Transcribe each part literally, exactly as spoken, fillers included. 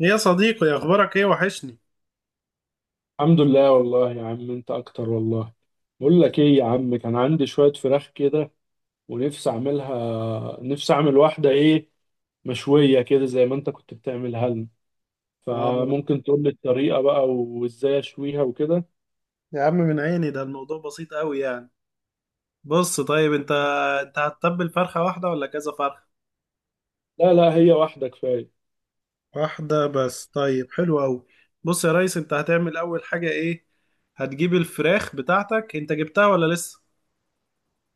ايه يا صديقي، اخبارك ايه؟ وحشني. الحمد لله والله يا عم، انت اكتر والله. بقول لك ايه يا عم، كان عندي شوية فراخ كده ونفسي اعملها نفسي اعمل واحدة ايه مشوية كده زي ما انت كنت بتعملها لنا. اه، فممكن تقول لي الطريقة بقى وازاي اشويها وكده؟ يا عم من عيني. ده الموضوع بسيط قوي يعني. بص، طيب، انت انت هتتبل فرخه واحده ولا كذا فرخه؟ لا لا، هي واحدة كفاية. واحده بس؟ طيب، حلو قوي. بص يا ريس، انت هتعمل اول حاجه ايه؟ هتجيب الفراخ بتاعتك، انت جبتها ولا لسه؟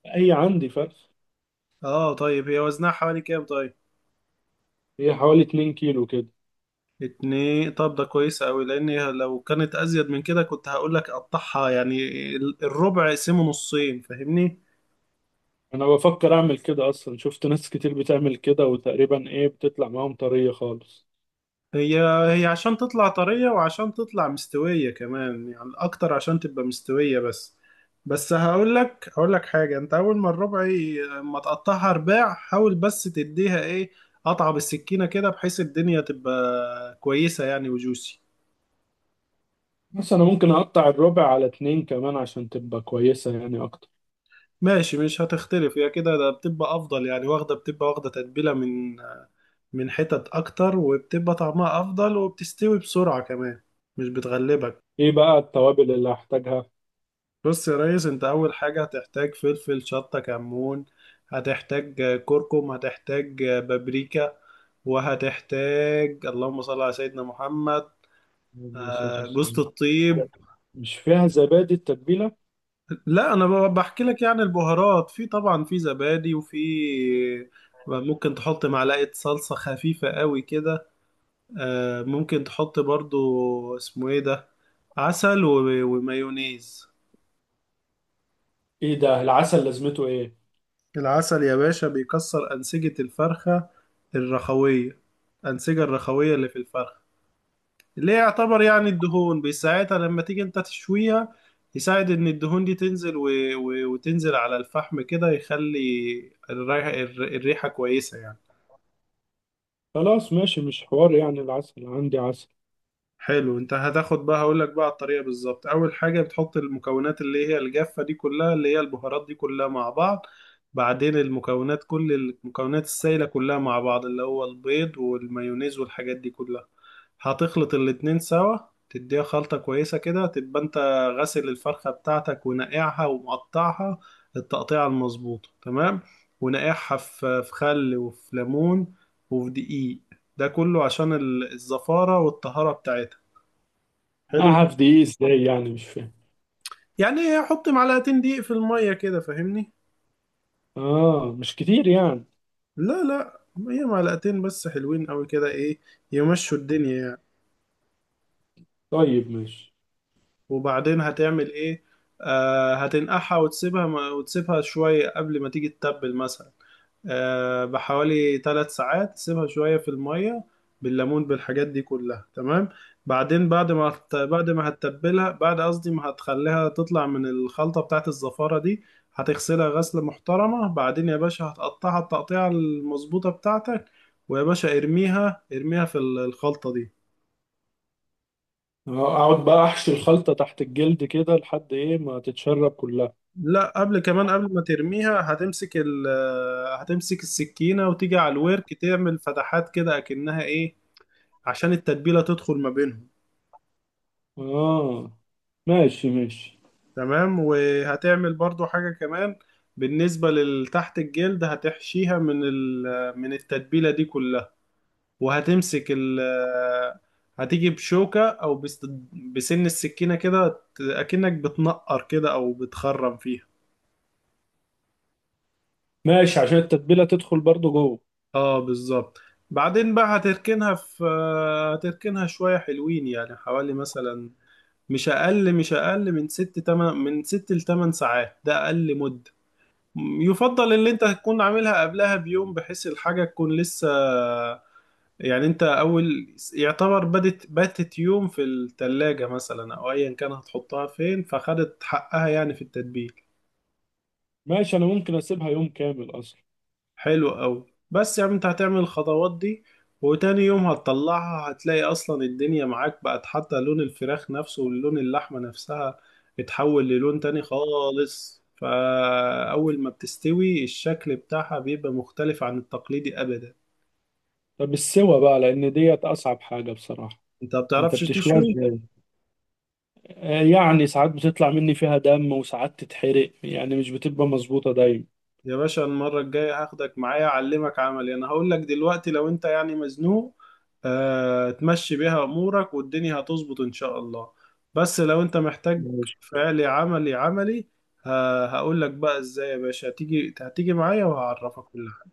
هي عندي فرخ. اه، طيب، هي وزنها حوالي كام؟ طيب، هي حوالي اتنين كيلو كده. اتنين، طب ده كويس قوي، لان لو كانت ازيد من كده كنت هقول لك قطعها يعني، الربع اقسمه نصين، فاهمني؟ انا بفكر اعمل كده اصلا. شفت ناس كتير بتعمل كده وتقريبا ايه بتطلع معاهم طرية خالص. هي هي عشان تطلع طرية وعشان تطلع مستوية كمان، يعني أكتر عشان تبقى مستوية بس. بس هقول لك هقول لك حاجة، أنت أول ما الربع ي- ما تقطعها رباع، حاول بس تديها إيه، قطعة بالسكينة كده، بحيث الدنيا تبقى كويسة يعني وجوسي. بس انا ممكن اقطع الربع على اتنين كمان عشان تبقى كويسة يعني اكتر. ماشي، مش هتختلف هي كده، ده بتبقى أفضل يعني، واخدة بتبقى واخدة تتبيلة من من حتت أكتر، وبتبقى طعمها أفضل وبتستوي بسرعة كمان، مش بتغلبك. ايه بقى التوابل اللي هحتاجها؟ بص يا ريس، انت اول حاجة هتحتاج فلفل، شطة، كمون، هتحتاج كركم، هتحتاج بابريكا، وهتحتاج، اللهم صل على سيدنا محمد، آه، جوزة الطيب. مش فيها زبادي التتبيلة؟ لا، انا ب- بحكي لك يعني البهارات، في طبعا في زبادي، وفي ممكن تحط معلقة صلصة خفيفة قوي كده. آه، ممكن تحط برضو، اسمه ايه ده، عسل و- ومايونيز. ايه ده؟ العسل لازمته ايه؟ العسل يا باشا بيكسر أنسجة الفرخة، الرخوية، الأنسجة الرخوية اللي في الفرخة، اللي هي يعتبر يعني الدهون، بيساعدها لما تيجي انت تشويها، يساعد ان الدهون دي تنزل، و... و... وتنزل على الفحم كده، يخلي الريحة الريحة كويسة يعني. خلاص ماشي، مش حوار يعني. العسل عندي عسل. حلو، انت هتاخد بقى. هقول لك بقى على الطريقه بالظبط. اول حاجه بتحط المكونات اللي هي الجافه دي كلها، اللي هي البهارات دي كلها، مع بعض. بعدين المكونات، كل المكونات السائله كلها مع بعض، اللي هو البيض والمايونيز والحاجات دي كلها. هتخلط الاتنين سوا، تديها خلطه كويسه كده، تبقى انت غاسل الفرخه بتاعتك ونقعها ومقطعها التقطيعه المظبوطه تمام، ونقعها في في خل وفي ليمون وفي دقيق، ده كله عشان ال- الزفاره والطهاره بتاعتها. حلو كده. اعرف دي ايه ازاي؟ يعني مش فاهم. يعني حط معلقتين دقيق في المية كده، فاهمني؟ اه، مش كتير يعني. لا، لا، هي معلقتين بس حلوين قوي كده، ايه، يمشوا الدنيا يعني. طيب ماشي. وبعدين هتعمل ايه؟ آه هتنقعها وتسيبها ما وتسيبها شوية قبل ما تيجي تتبل مثلا. آه، بحوالي ثلاث ساعات، سيبها شوية في المية بالليمون بالحاجات دي كلها، تمام. بعدين بعد ما هت- بعد ما هتتبلها، بعد، قصدي، ما هتخليها تطلع من الخلطة بتاعت الزفارة دي، هتغسلها غسلة محترمة، بعدين يا باشا هتقطعها التقطيعة المظبوطة بتاعتك. ويا باشا، ارميها ارميها في ال- الخلطة دي. آه، اقعد بقى احشي الخلطة تحت الجلد كده لحد ايه ما تتشرب كلها. لا، قبل كمان، قبل ما ترميها، هتمسك ال هتمسك السكينة، وتيجي على الورك تعمل فتحات كده، أكنها إيه، عشان التتبيلة تدخل ما بينهم. اه، ماشي ماشي. تمام، وهتعمل برضو حاجة كمان. بالنسبة لتحت الجلد هتحشيها من ال- من التتبيلة دي كلها، وهتمسك ال هتيجي بشوكة أو بس- بسن السكينة كده، ت- أكنك بتنقر كده أو بتخرم فيها. ماشي، عشان التتبيلة تدخل برضو جوه. اه، بالظبط. بعدين بقى هتركنها في هتركنها شوية حلوين، يعني حوالي مثلا مش أقل مش أقل من ست تمن من ست لتمن ساعات، ده أقل مدة. يفضل اللي انت تكون عاملها قبلها بيوم، بحيث الحاجة تكون لسه، يعني انت اول يعتبر بدت باتت يوم في التلاجة مثلا او ايا كان هتحطها فين، فخدت حقها يعني في التتبيل. ماشي، انا ممكن اسيبها يوم كامل اصلا. حلو قوي، بس يعني انت هتعمل الخطوات دي وتاني يوم هتطلعها، هتلاقي اصلا الدنيا معاك بقت، حتى لون الفراخ نفسه ولون اللحمة نفسها اتحول للون تاني خالص. فأول ما بتستوي، الشكل بتاعها بيبقى مختلف عن التقليدي أبدا. طب السوا بقى، لان ديت اصعب حاجة بصراحة. انت ما انت بتعرفش بتشويها تشوي؟ ازاي؟ آه، يعني ساعات بتطلع مني فيها دم وساعات تتحرق، يعني مش بتبقى مظبوطة دايما. يا باشا، المرة الجاية هاخدك معايا اعلمك عملي. انا هقول لك دلوقتي لو انت يعني مزنوق، آه تمشي بيها امورك والدنيا هتظبط ان شاء الله. بس لو انت محتاج ماشي. فعلي، عملي عملي. آه هقول لك بقى ازاي يا باشا، هتيجي هتيجي معايا وهعرفك كل حاجة،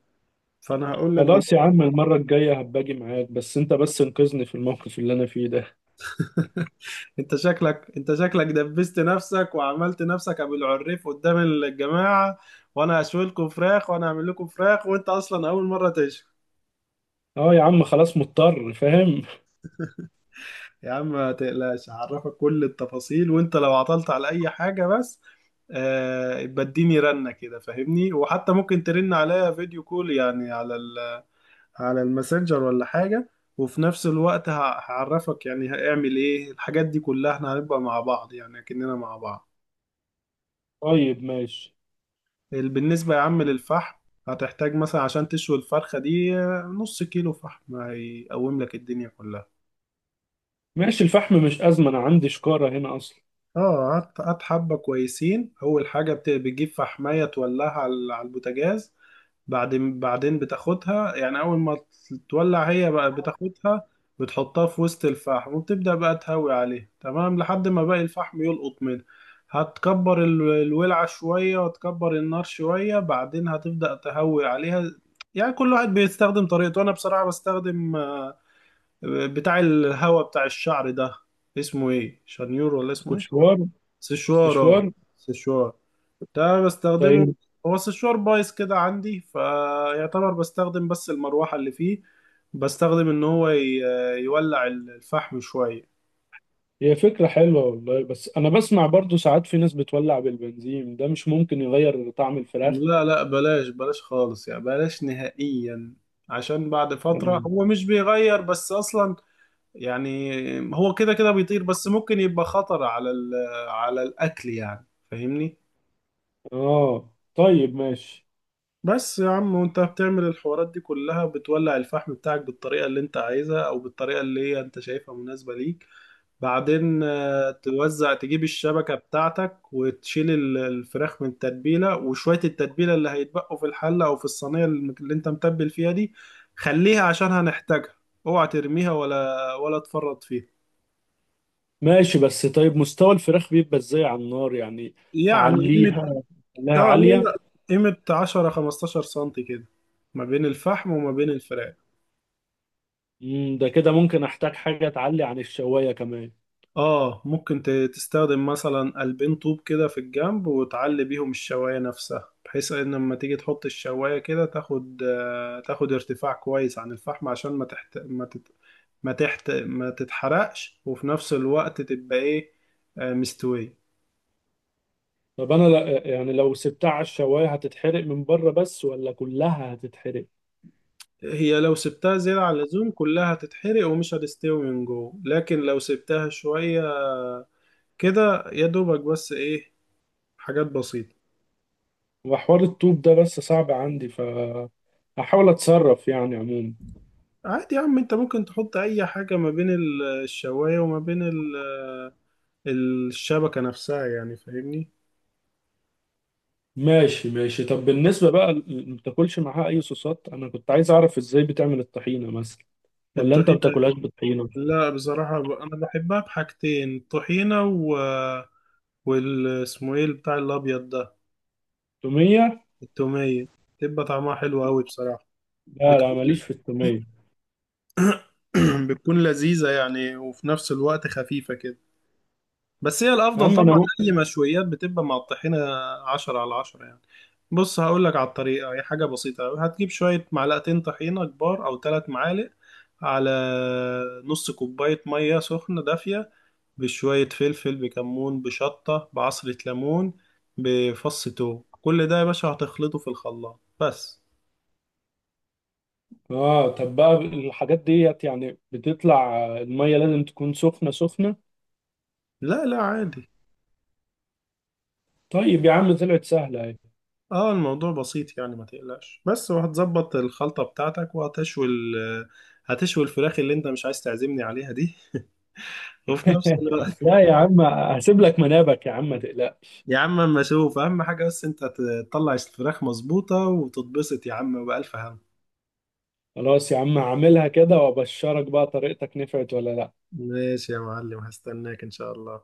فانا هقول لك خلاص دلوقتي. يا عم، المرة الجاية هباجي معاك، بس انت بس انقذني في الموقف اللي انا فيه ده. انت شكلك انت شكلك دبست نفسك وعملت نفسك ابو العريف قدام الجماعة، وانا هشوي لكم فراخ وانا هعمل لكم فراخ، وانت اصلا اول مرة تشوي. اه يا عم، خلاص مضطر فاهم. يا عم ما تقلقش، هعرفك كل التفاصيل، وانت لو عطلت على اي حاجة بس، آه بديني رنة كده، فاهمني، وحتى ممكن ترن عليا فيديو كول يعني على ال- على الماسنجر ولا حاجة. وفي نفس الوقت ه- هعرفك يعني هاعمل ايه الحاجات دي كلها، احنا هنبقى مع بعض يعني اكننا مع بعض. طيب ماشي. ال- بالنسبة يا عم للفحم، هتحتاج مثلا عشان تشوي الفرخة دي آه، نص كيلو فحم هيقوم لك الدنيا كلها. ماشي، الفحم مش أزمة، انا عندي شكارة هنا اصلا. اه، قعدت قعدت حبة كويسين. أول حاجة بت- بتجيب فحماية تولعها على على البوتاجاز، بعدين بعدين بتاخدها يعني، أول ما تولع هي بقى بتاخدها، بتحطها في وسط الفحم وبتبدأ بقى تهوي عليها، تمام، لحد ما باقي الفحم يلقط منها. هتكبر ال- الولعة شوية، وتكبر النار شوية، بعدين هتبدأ تهوي عليها. يعني كل واحد بيستخدم طريقته. أنا بصراحة بستخدم آه، بتاع الهوا بتاع الشعر ده، اسمه ايه، شانيور ولا اسمه ايه، استشوار. سشوار، اه، استشوار. سشوار. ده بستخدمه، طيب. هو سشوار بايظ كده عندي، فيعتبر بستخدم بس المروحة اللي فيه، بستخدم ان هو ي- يولع الفحم شوية. هي فكرة حلوة والله، بس انا بسمع برضو ساعات في ناس بتولع بالبنزين، ده مش ممكن يغير طعم الفراخ؟ لا، لا، بلاش بلاش خالص، يعني بلاش نهائيا، عشان بعد فترة اه. هو مش بيغير بس اصلا، يعني هو كده كده بيطير، بس ممكن يبقى خطر على ال- على الاكل يعني، فاهمني. آه، طيب ماشي. بس يا عم، وانت بتعمل الحوارات دي كلها بتولع الفحم بتاعك بالطريقة اللي انت عايزها، او بالطريقة اللي هي انت شايفها مناسبة ليك. بعدين آه، توزع، تجيب الشبكة بتاعتك وتشيل ال- الفراخ من التتبيلة، وشوية التتبيلة اللي هيتبقوا في الحلة او في الصينية اللي اللي انت متبل فيها دي، خليها عشان هنحتاجها، اوعى ترميها ولا ولا تفرط فيها. ماشي، بس طيب مستوى الفراخ بيبقى ازاي على النار يعني؟ يعني قيمة، اعليها. خليها اه، لا، عالية. لا، قيمة عشرة خمستاشر سنتي كده، ما بين الفحم وما بين الفراخ. مم، ده كده ممكن احتاج حاجة تعلي عن الشواية كمان. اه، ممكن ت- تستخدم مثلا قلبين طوب كده في الجنب، وتعلي بيهم الشواية نفسها، بحيث ان لما تيجي تحط الشواية كده تاخد آه، تاخد ارتفاع كويس عن الفحم، عشان ما تحت ما تت... ما تحت ما تتحرقش، وفي نفس الوقت تبقى ايه، آه، مستوية. طب انا لا يعني، لو سبتها على الشواية هتتحرق من بره بس ولا كلها هتتحرق؟ هي لو سبتها زيادة عن اللزوم كلها هتتحرق ومش هتستوي من جوه، لكن لو سبتها شوية كده يا دوبك بس ايه، حاجات بسيطة. وحوار الطوب ده بس صعب عندي ف هحاول اتصرف يعني عموما. عادي يا عم، انت ممكن تحط اي حاجة ما بين ال- آه، الشواية وما بين ال- آه، الشبكة نفسها يعني، فاهمني. ماشي ماشي، طب بالنسبة بقى ل- ما بتاكلش معاها اي صوصات؟ انا كنت عايز اعرف ازاي بتعمل الطحينة مثلا؟ ولا انت الطحينة؟ بتاكلهاش بالطحينة؟ لا، بصراحة ب- انا بحبها بحاجتين، الطحينة و... وال اسمه ايه، بتاع الابيض ده، تومية. التومية، تبقى طعمها حلو قوي بصراحة. لا لا، بتكون ماليش في التومية. بتكون لذيذة يعني، وفي نفس الوقت خفيفة كده. بس هي يا الافضل عم طبعا، انا. اي مشويات بتبقى مع الطحينه عشرة على عشرة يعني. بص هقول لك على الطريقه. هي حاجه بسيطه أوي. هتجيب شويه، معلقتين طحينه كبار او ثلاث معالق على نص كوبايه ميه سخنه دافيه، بشويه فلفل، بكمون، بشطه، بعصره ليمون، بفص توم، كل ده يا باشا هتخلطه في الخلاط بس. اه، طب بقى الحاجات ديت يعني بتطلع المية لازم تكون سخنة سخنة؟ لا، لا، عادي. طيب يا عم، طلعت سهلة اهي. اه، الموضوع بسيط يعني ما تقلقش، بس وهتظبط الخلطة بتاعتك، وهتشوي ال آه، هتشوي الفراخ اللي انت مش عايز تعزمني عليها دي. وفي نفس الوقت، لا يا عم، هسيب لك منابك يا عم، ما تقلقش. يا عم، اما اشوف، اهم حاجة بس انت تطلع الفراخ مظبوطة وتتبسط يا عم بألف هم. خلاص يا عم، هعملها كده وابشرك بقى طريقتك نفعت ولا لا. ماشي يا معلم، هستناك ان شاء الله.